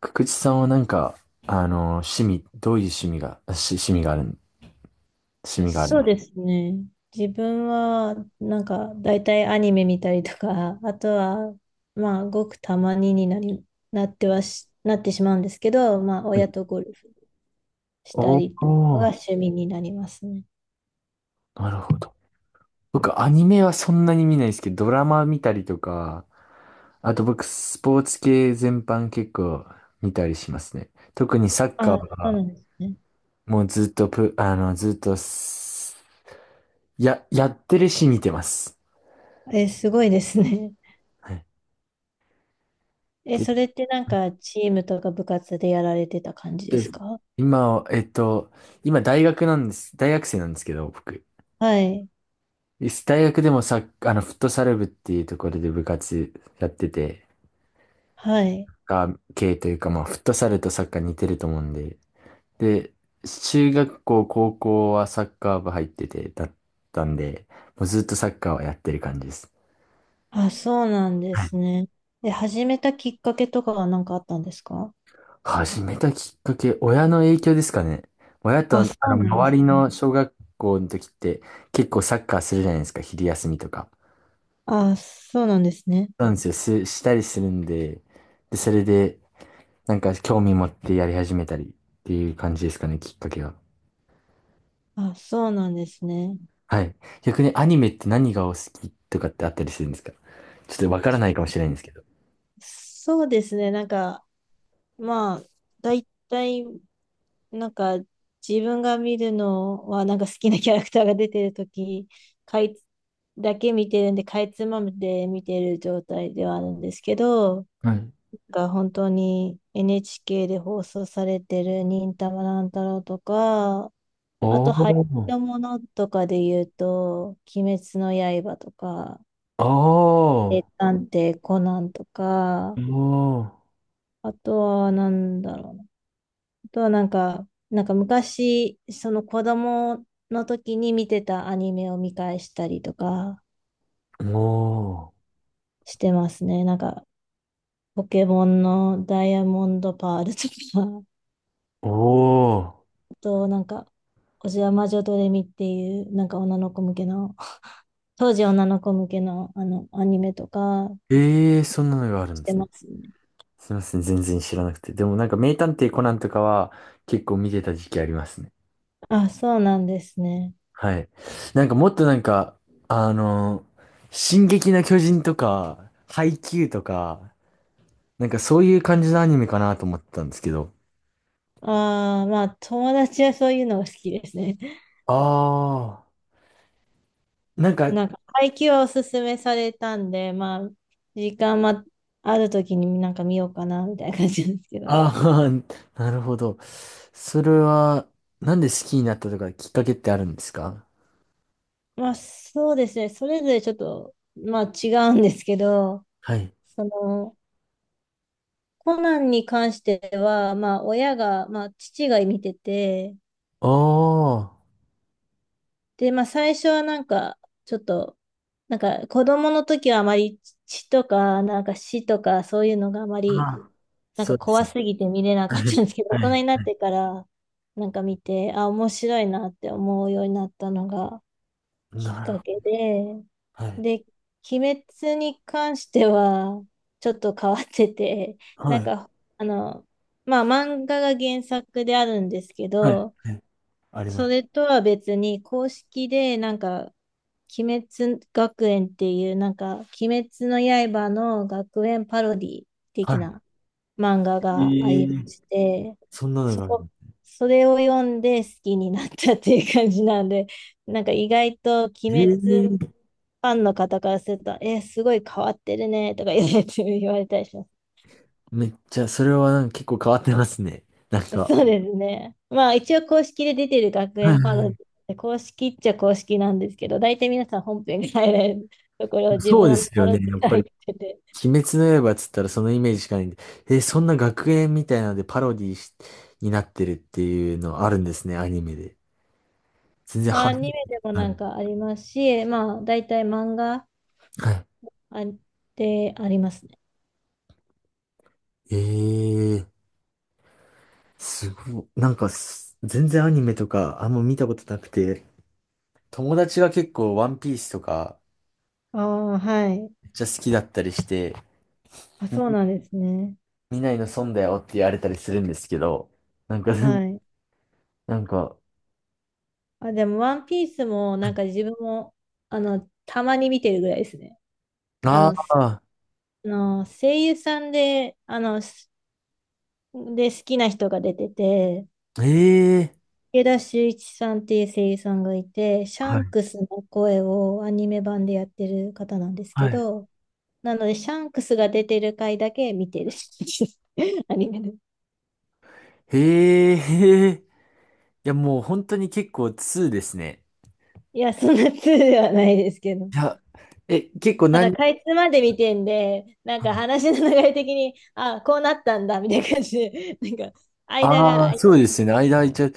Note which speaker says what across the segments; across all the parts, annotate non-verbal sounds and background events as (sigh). Speaker 1: くくちさんはなんか、趣味、どういう趣味が、し、趣味がある、趣味がある
Speaker 2: そ
Speaker 1: の
Speaker 2: う
Speaker 1: は
Speaker 2: ですね。自分は、大体アニメ見たりとか、あとは、まあ、ごくたまにになり、なってはし、なってしまうんですけど、まあ、親と
Speaker 1: い
Speaker 2: ゴルフした
Speaker 1: お
Speaker 2: りが
Speaker 1: ー、
Speaker 2: 趣味になりますね。
Speaker 1: なるほど。僕、アニメはそんなに見ないですけど、ドラマ見たりとか、あと僕、スポーツ系全般結構見たりしますね。特にサッカー
Speaker 2: あ、そうな
Speaker 1: は、
Speaker 2: んですね。
Speaker 1: もうずっとプ、あの、ずっとす、や、やってるし見てます。
Speaker 2: え、すごいですね。
Speaker 1: はい。
Speaker 2: え、
Speaker 1: で、
Speaker 2: それってなんか、チームとか部活でやられてた感じで
Speaker 1: で
Speaker 2: すか？
Speaker 1: 今は、今大学なんです。大学生なんですけど、僕。
Speaker 2: はい。
Speaker 1: 大学でもサッあの、フットサル部っていうところで部活やってて、
Speaker 2: はい。
Speaker 1: が、系というか、まあ、フットサルとサッカー似てると思うんで、で、中学校、高校はサッカー部入ってて、だったんで、もうずっとサッカーはやってる感じです。
Speaker 2: あ、そうなんで
Speaker 1: はい。
Speaker 2: すね。で、始めたきっかけとかは何かあったんですか？
Speaker 1: 始めたきっかけ、親の影響ですかね。親と、あ
Speaker 2: あ、
Speaker 1: の、
Speaker 2: そうなんで
Speaker 1: 周
Speaker 2: す
Speaker 1: り
Speaker 2: ね。
Speaker 1: の小学校の時って、結構サッカーするじゃないですか、昼休みとか。
Speaker 2: あ、そうなんですね。
Speaker 1: なんですよ、す、したりするんで、で、それで、なんか興味持ってやり始めたりっていう感じですかね、きっかけは。
Speaker 2: あ、そうなんですね。
Speaker 1: はい。逆にアニメって何がお好きとかってあったりするんですか？ちょっとわからないかもしれないんですけど。
Speaker 2: そうですね。まあ、大体、なんか、自分が見るのは、なんか好きなキャラクターが出てるとき、かいつ、だけ見てるんで、かいつまんで見てる状態ではあるんですけど、
Speaker 1: はい。
Speaker 2: が本当に NHK で放送されてる忍たま乱太郎とか、あ
Speaker 1: おー、
Speaker 2: と、流行
Speaker 1: お
Speaker 2: りの
Speaker 1: ー、
Speaker 2: ものとかで言うと、鬼滅の刃とか、
Speaker 1: お
Speaker 2: 名
Speaker 1: ー、
Speaker 2: 探偵コナンとか、あとはなんだろうな。あとはなんか、なんか昔、その子供の時に見てたアニメを見返したりとか
Speaker 1: お
Speaker 2: してますね。なんか、ポケモンのダイヤモンドパールとか、
Speaker 1: ー、おー。
Speaker 2: (laughs) あとなんか、おじや魔女ドレミっていう、なんか女の子向けの、当時女の子向けのあの、アニメとか
Speaker 1: ええー、そんなのがある
Speaker 2: し
Speaker 1: んで
Speaker 2: て
Speaker 1: すね。
Speaker 2: ますね。
Speaker 1: すいません、全然知らなくて。でもなんか名探偵コナンとかは結構見てた時期ありますね。
Speaker 2: あ、そうなんですね。
Speaker 1: はい。なんかもっとなんか、あの、進撃の巨人とか、ハイキューとか、なんかそういう感じのアニメかなと思ってたんですけど、
Speaker 2: ああ、まあ、友達はそういうのが好きですね。
Speaker 1: あ、なんか、
Speaker 2: なんか、配給はおすすめされたんで、まあ、時間まあるときになんか見ようかな、みたいな感じなんですけど。
Speaker 1: ああ、(laughs) なるほど。それは、なんで好きになったとかきっかけってあるんですか？
Speaker 2: (laughs) まあ、そうですね。それぞれちょっと、まあ、違うんですけど、
Speaker 1: はい。
Speaker 2: その、コナンに関しては、まあ、親が、まあ、父が見てて、
Speaker 1: あ、あ。
Speaker 2: で、まあ、最初はなんか、ちょっと、なんか、子供の時はあまり血とか、なんか死とか、そういうのがあまり、
Speaker 1: あ。あ、
Speaker 2: なん
Speaker 1: そ
Speaker 2: か
Speaker 1: うで
Speaker 2: 怖
Speaker 1: すね。
Speaker 2: すぎて見れなか
Speaker 1: は
Speaker 2: っ
Speaker 1: い。
Speaker 2: たんですけど、大人にな
Speaker 1: は
Speaker 2: っ
Speaker 1: い。
Speaker 2: てから、なんか見て、あ、面白いなって思うようになったのがきっ
Speaker 1: なる
Speaker 2: か
Speaker 1: ほど。
Speaker 2: けで、
Speaker 1: はい。
Speaker 2: で、鬼滅に関しては、ちょっと変わってて、なん
Speaker 1: はい。
Speaker 2: か、あの、まあ、漫画が原作であるんですけ
Speaker 1: はい。
Speaker 2: ど、
Speaker 1: はい。ありま
Speaker 2: それ
Speaker 1: す。
Speaker 2: とは別に、公式で、なんか、鬼滅学園っていう、なんか、鬼滅の刃の学園パロディ
Speaker 1: は
Speaker 2: 的
Speaker 1: い。
Speaker 2: な漫画
Speaker 1: え
Speaker 2: がありま
Speaker 1: ー、
Speaker 2: して、
Speaker 1: そんなの
Speaker 2: そ
Speaker 1: がある。
Speaker 2: こ、それを読んで好きになったっていう感じなんで、(laughs) なんか意外と鬼滅フ
Speaker 1: ええ。
Speaker 2: ァンの方からすると、え、すごい変わってるねとか言われたりします。
Speaker 1: めっちゃ、それはなんか結構変わってますね。なん
Speaker 2: (laughs)
Speaker 1: か。
Speaker 2: そうですね。まあ一応公式で出てる学
Speaker 1: は
Speaker 2: 園パ
Speaker 1: い。
Speaker 2: ロディで、公式っちゃ公式なんですけど、大体皆さん本編が入れるところを (laughs) 自
Speaker 1: そう
Speaker 2: 分
Speaker 1: で
Speaker 2: は
Speaker 1: す
Speaker 2: パ
Speaker 1: よ
Speaker 2: ロ
Speaker 1: ね。
Speaker 2: ディ
Speaker 1: やっ
Speaker 2: から
Speaker 1: ぱ
Speaker 2: 入
Speaker 1: り。
Speaker 2: ってて、
Speaker 1: 鬼滅の刃っつったらそのイメージしかないんで、え、そんな学園みたいなのでパロディしになってるっていうのあるんですね、アニメで。全然初
Speaker 2: ア
Speaker 1: めて
Speaker 2: ニメ
Speaker 1: 聞
Speaker 2: で
Speaker 1: い
Speaker 2: も
Speaker 1: た
Speaker 2: な
Speaker 1: ん
Speaker 2: ん
Speaker 1: で。
Speaker 2: かありますし、まあ大体漫画
Speaker 1: はい。
Speaker 2: あでありますね。
Speaker 1: えー、すごい。なんかす、全然アニメとかあんま見たことなくて、友達が結構ワンピースとか
Speaker 2: ああ、はい。
Speaker 1: めっちゃ好きだったりして、
Speaker 2: あ、そうなんですね。
Speaker 1: 見ないの損だよって言われたりするんですけど、なんか、(laughs)
Speaker 2: はい。
Speaker 1: なんか、
Speaker 2: あ、でも、ワンピースも、なんか自分も、あの、たまに見てるぐらいですね。あ
Speaker 1: あ
Speaker 2: の、す
Speaker 1: あ、
Speaker 2: あの声優さんで、好きな人が出てて、
Speaker 1: ええ
Speaker 2: 池田秀一さんっていう声優さんがいて、シ
Speaker 1: ー、
Speaker 2: ャ
Speaker 1: は
Speaker 2: ンク
Speaker 1: い。
Speaker 2: スの声をアニメ版でやってる方なんです
Speaker 1: は
Speaker 2: け
Speaker 1: い。
Speaker 2: ど、なので、シャンクスが出てる回だけ見てる (laughs) アニメで。
Speaker 1: へえ、へえ。いや、もう本当に結構2ですね。
Speaker 2: いや、そんな通ではないですけど。
Speaker 1: いや、え、結構
Speaker 2: ただ、
Speaker 1: 何、
Speaker 2: かいつまで見てんで、なんか話の流れ的に、あ、こうなったんだ、みたいな感じで、なんか、間が
Speaker 1: あ
Speaker 2: 空
Speaker 1: あ、
Speaker 2: い
Speaker 1: そうで
Speaker 2: て、
Speaker 1: すね。間空いちゃう。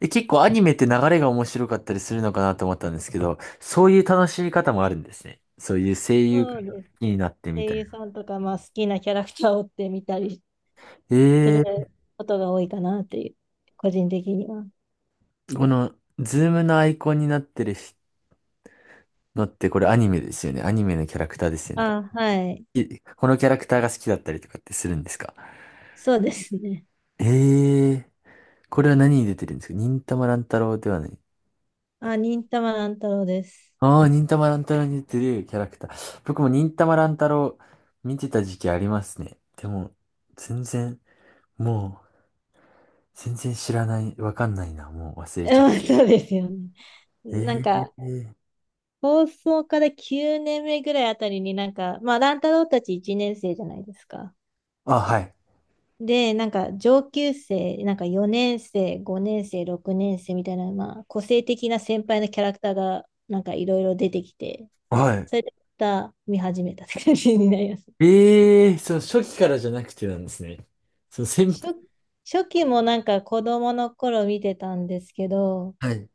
Speaker 1: え、結構アニメって流れが面白かったりするのかなと思ったんですけど、そういう楽しみ方もあるんですね。そういう声優
Speaker 2: そうです。
Speaker 1: になってみ
Speaker 2: 声
Speaker 1: たい
Speaker 2: 優
Speaker 1: な。
Speaker 2: さんとか、まあ、好きなキャラクターを追ってみたりする
Speaker 1: え
Speaker 2: ことが多いかなっていう、個人的には。
Speaker 1: ー、この、ズームのアイコンになってるのってこれアニメですよね。アニメのキャラクターですよね。
Speaker 2: あ、はい。
Speaker 1: い、このキャラクターが好きだったりとかってするんですか？
Speaker 2: そうですね。
Speaker 1: えー、これは何に出てるんですか？忍たま乱太郎ではない。
Speaker 2: あ、忍たま乱太郎です。
Speaker 1: ああ、忍たま乱太郎に似てるキャラクター。僕も忍たま乱太郎見てた時期ありますね。でも、全然、もう、全然知らない、わかんないな。もう忘れちゃっ
Speaker 2: うん
Speaker 1: た。
Speaker 2: そうですよね。
Speaker 1: え
Speaker 2: なんか、
Speaker 1: え。
Speaker 2: 放送から9年目ぐらいあたりになんか、まあ、乱太郎たち1年生じゃないですか。
Speaker 1: あ、はい。
Speaker 2: で、なんか上級生、なんか4年生、5年生、6年生みたいな、まあ、個性的な先輩のキャラクターが、なんかいろいろ出てきて、
Speaker 1: はい。
Speaker 2: それでまた見始めたって感じになります。
Speaker 1: ええ、そう、初期からじゃなくてなんですね。そう、先輩。
Speaker 2: 初、初期もなんか子供の頃見てたんですけど、
Speaker 1: はい。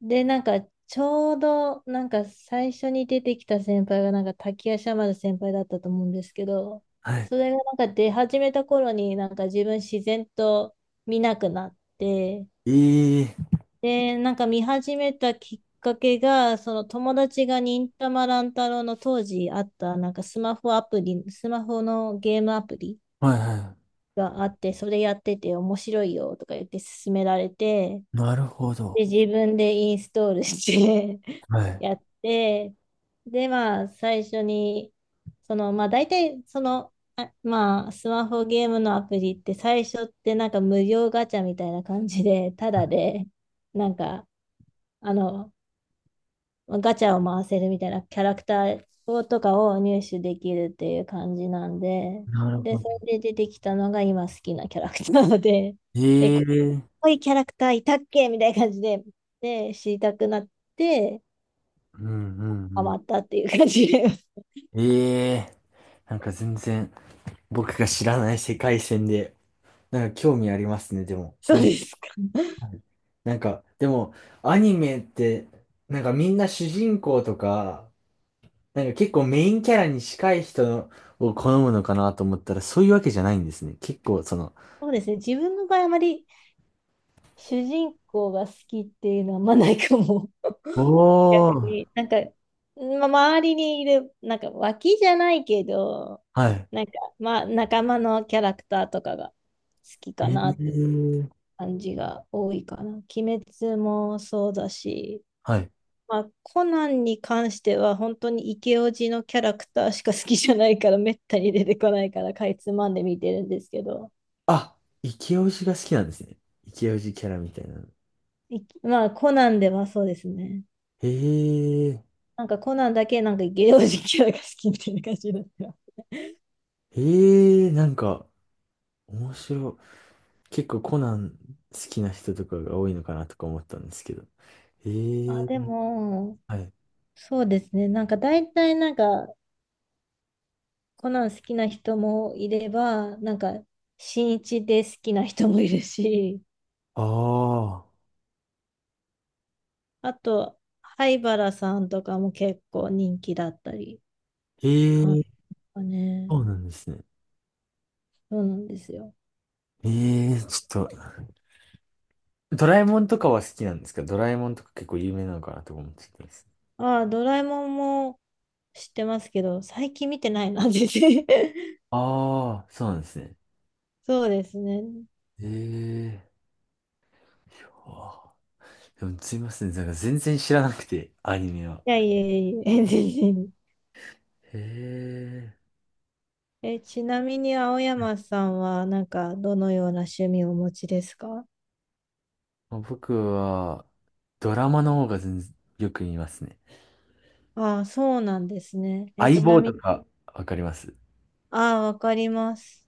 Speaker 2: で、なんかちょうど、なんか最初に出てきた先輩が、なんか滝夜叉丸先輩だったと思うんですけど、
Speaker 1: はい。
Speaker 2: それがなんか出始めた頃に、なんか自分自然と見なくなって、
Speaker 1: ええ。
Speaker 2: で、なんか見始めたきっかけが、その友達が忍たま乱太郎の当時あった、なんかスマホアプリ、スマホのゲームアプリ
Speaker 1: はい。は
Speaker 2: があって、それやってて面白いよとか言って勧められて、
Speaker 1: い。なるほ
Speaker 2: で、
Speaker 1: ど。
Speaker 2: 自分でインストールして
Speaker 1: は
Speaker 2: (laughs)
Speaker 1: い。
Speaker 2: やって、で、まあ、最初に、大体、スマホゲームのアプリって最初ってなんか無料ガチャみたいな感じで、ただで、なんか、あの、ガチャを回せるみたいなキャラクターをとかを入手できるっていう感じなんで、
Speaker 1: なる
Speaker 2: で、
Speaker 1: ほど。
Speaker 2: それで出てきたのが今好きなキャラクターなので、(laughs) え、こ
Speaker 1: ええ。
Speaker 2: ういうキャラクターいたっけみたいな感じで、で、知りたくなって、
Speaker 1: うんう
Speaker 2: ハマっ
Speaker 1: ん
Speaker 2: たっていう感じで。(laughs)
Speaker 1: うん。ええ。なんか全然、僕が知らない世界線で、なんか興味ありますね、でも。
Speaker 2: そう
Speaker 1: なんか、
Speaker 2: ですか。
Speaker 1: はい。なんかでも、アニメって、なんかみんな主人公とか、なんか結構メインキャラに近い人を好むのかなと思ったら、そういうわけじゃないんですね。結構、その、
Speaker 2: そうですね。自分の場合、あまり主人公が好きっていうのはあんまないかも。逆
Speaker 1: おー、
Speaker 2: に、なんか、ま、周りにいる、なんか脇じゃないけど、
Speaker 1: はい。
Speaker 2: なんか、仲間のキャラクターとかが好き
Speaker 1: え
Speaker 2: かなっていう
Speaker 1: ー、
Speaker 2: 感じが多いかな。鬼滅もそうだし、
Speaker 1: はい。
Speaker 2: まあ、コナンに関しては本当にイケオジのキャラクターしか好きじゃないから、めったに出てこないから、かいつまんで見てるんですけど、
Speaker 1: あ、イケオジが好きなんですね。イケオジキャラみたいなの。
Speaker 2: いまあ、コナンではそうですね。
Speaker 1: へえ、
Speaker 2: なんかコナンだけなんかイケオジキャラが好きみたいな感じだった。
Speaker 1: へえ、なんか、面白い。結構コナン好きな人とかが多いのかなとか思ったんですけど。え
Speaker 2: あ、
Speaker 1: え
Speaker 2: で
Speaker 1: ー。
Speaker 2: も、
Speaker 1: はい。
Speaker 2: そうですね。なんか大体なんかコナン好きな人もいれば、なんか新一で好きな人もいるし、
Speaker 1: ああ、
Speaker 2: あと灰原さんとかも結構人気だったりって
Speaker 1: ええ
Speaker 2: 感じ
Speaker 1: ー、
Speaker 2: かね。
Speaker 1: そうなんですね。
Speaker 2: そうなんですよ。
Speaker 1: ええー、ちょっと、ドラえもんとかは好きなんですか？ドラえもんとか結構有名なのかなとか思っちゃったんです。
Speaker 2: ああ、ドラえもんも知ってますけど、最近見てないな、全然。(laughs)
Speaker 1: ああ、そうなんですね。
Speaker 2: そうですね。
Speaker 1: ええー、いやー、でもすいません、なんか全然知らなくて、アニメは。
Speaker 2: いやいやいや全然。
Speaker 1: ええー。
Speaker 2: え、ちなみに青山さんはなんかどのような趣味をお持ちですか？
Speaker 1: まあ僕は、ドラマの方が全然よく見ますね。
Speaker 2: ああ、そうなんですね。え、
Speaker 1: 相
Speaker 2: ちな
Speaker 1: 棒
Speaker 2: み
Speaker 1: と
Speaker 2: に、
Speaker 1: か、わかります？
Speaker 2: ああ、わかります。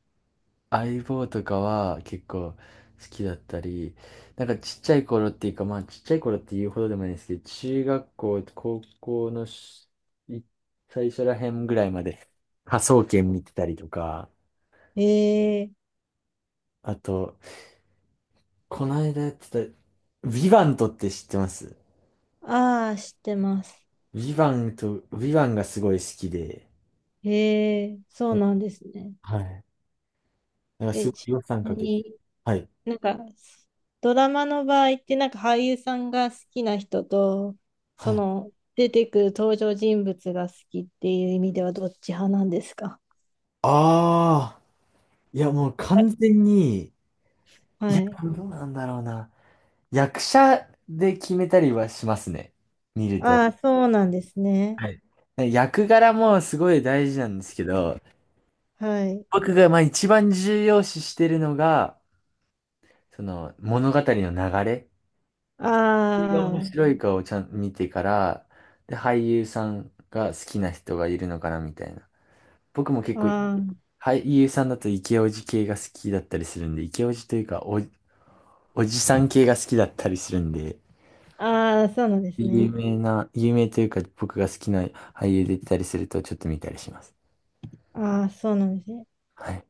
Speaker 1: 相棒とかは結構好きだったり、なんかちっちゃい頃っていうか、まあちっちゃい頃って言うほどでもないですけど、中学校、高校のい最初ら辺ぐらいまで科捜研見てたりとか、
Speaker 2: ええ
Speaker 1: あと、この間やってた、ヴィヴァントって知ってます？
Speaker 2: ああ、知ってます。
Speaker 1: ヴィヴァンと、ヴィヴァンがすごい好きで、
Speaker 2: ええそう
Speaker 1: え、
Speaker 2: なんですね。
Speaker 1: はい。なんか
Speaker 2: え、
Speaker 1: すご
Speaker 2: ち
Speaker 1: い予算
Speaker 2: な
Speaker 1: か
Speaker 2: み
Speaker 1: けて、
Speaker 2: に、
Speaker 1: はい。
Speaker 2: なんか、ドラマの場合って、なんか俳優さんが好きな人と、
Speaker 1: は
Speaker 2: そ
Speaker 1: い。
Speaker 2: の、出てくる登場人物が好きっていう意味ではどっち派なんですか？
Speaker 1: ああ、いやもう完全に、い
Speaker 2: は
Speaker 1: や、
Speaker 2: い。
Speaker 1: どうなんだろうな。役者で決めたりはしますね。見ると。
Speaker 2: ああ、そうなんですね。
Speaker 1: はい。ね、役柄もすごい大事なんですけど、
Speaker 2: はい。
Speaker 1: 僕がまあ一番重要視してるのが、その物語の流れ。それが面
Speaker 2: あ
Speaker 1: 白いかをちゃんと見てから、で、俳優さんが好きな人がいるのかなみたいな。僕も結
Speaker 2: あ、
Speaker 1: 構、
Speaker 2: あ
Speaker 1: 俳優さんだとイケオジ系が好きだったりするんで、イケオジというかお、おじさん系が好きだったりするんで、
Speaker 2: あ、ああ、そうなんです
Speaker 1: 有
Speaker 2: ね。
Speaker 1: 名な、有名というか僕が好きな俳優出てたりするとちょっと見たりします。
Speaker 2: ああ、そうなんですね。
Speaker 1: はい。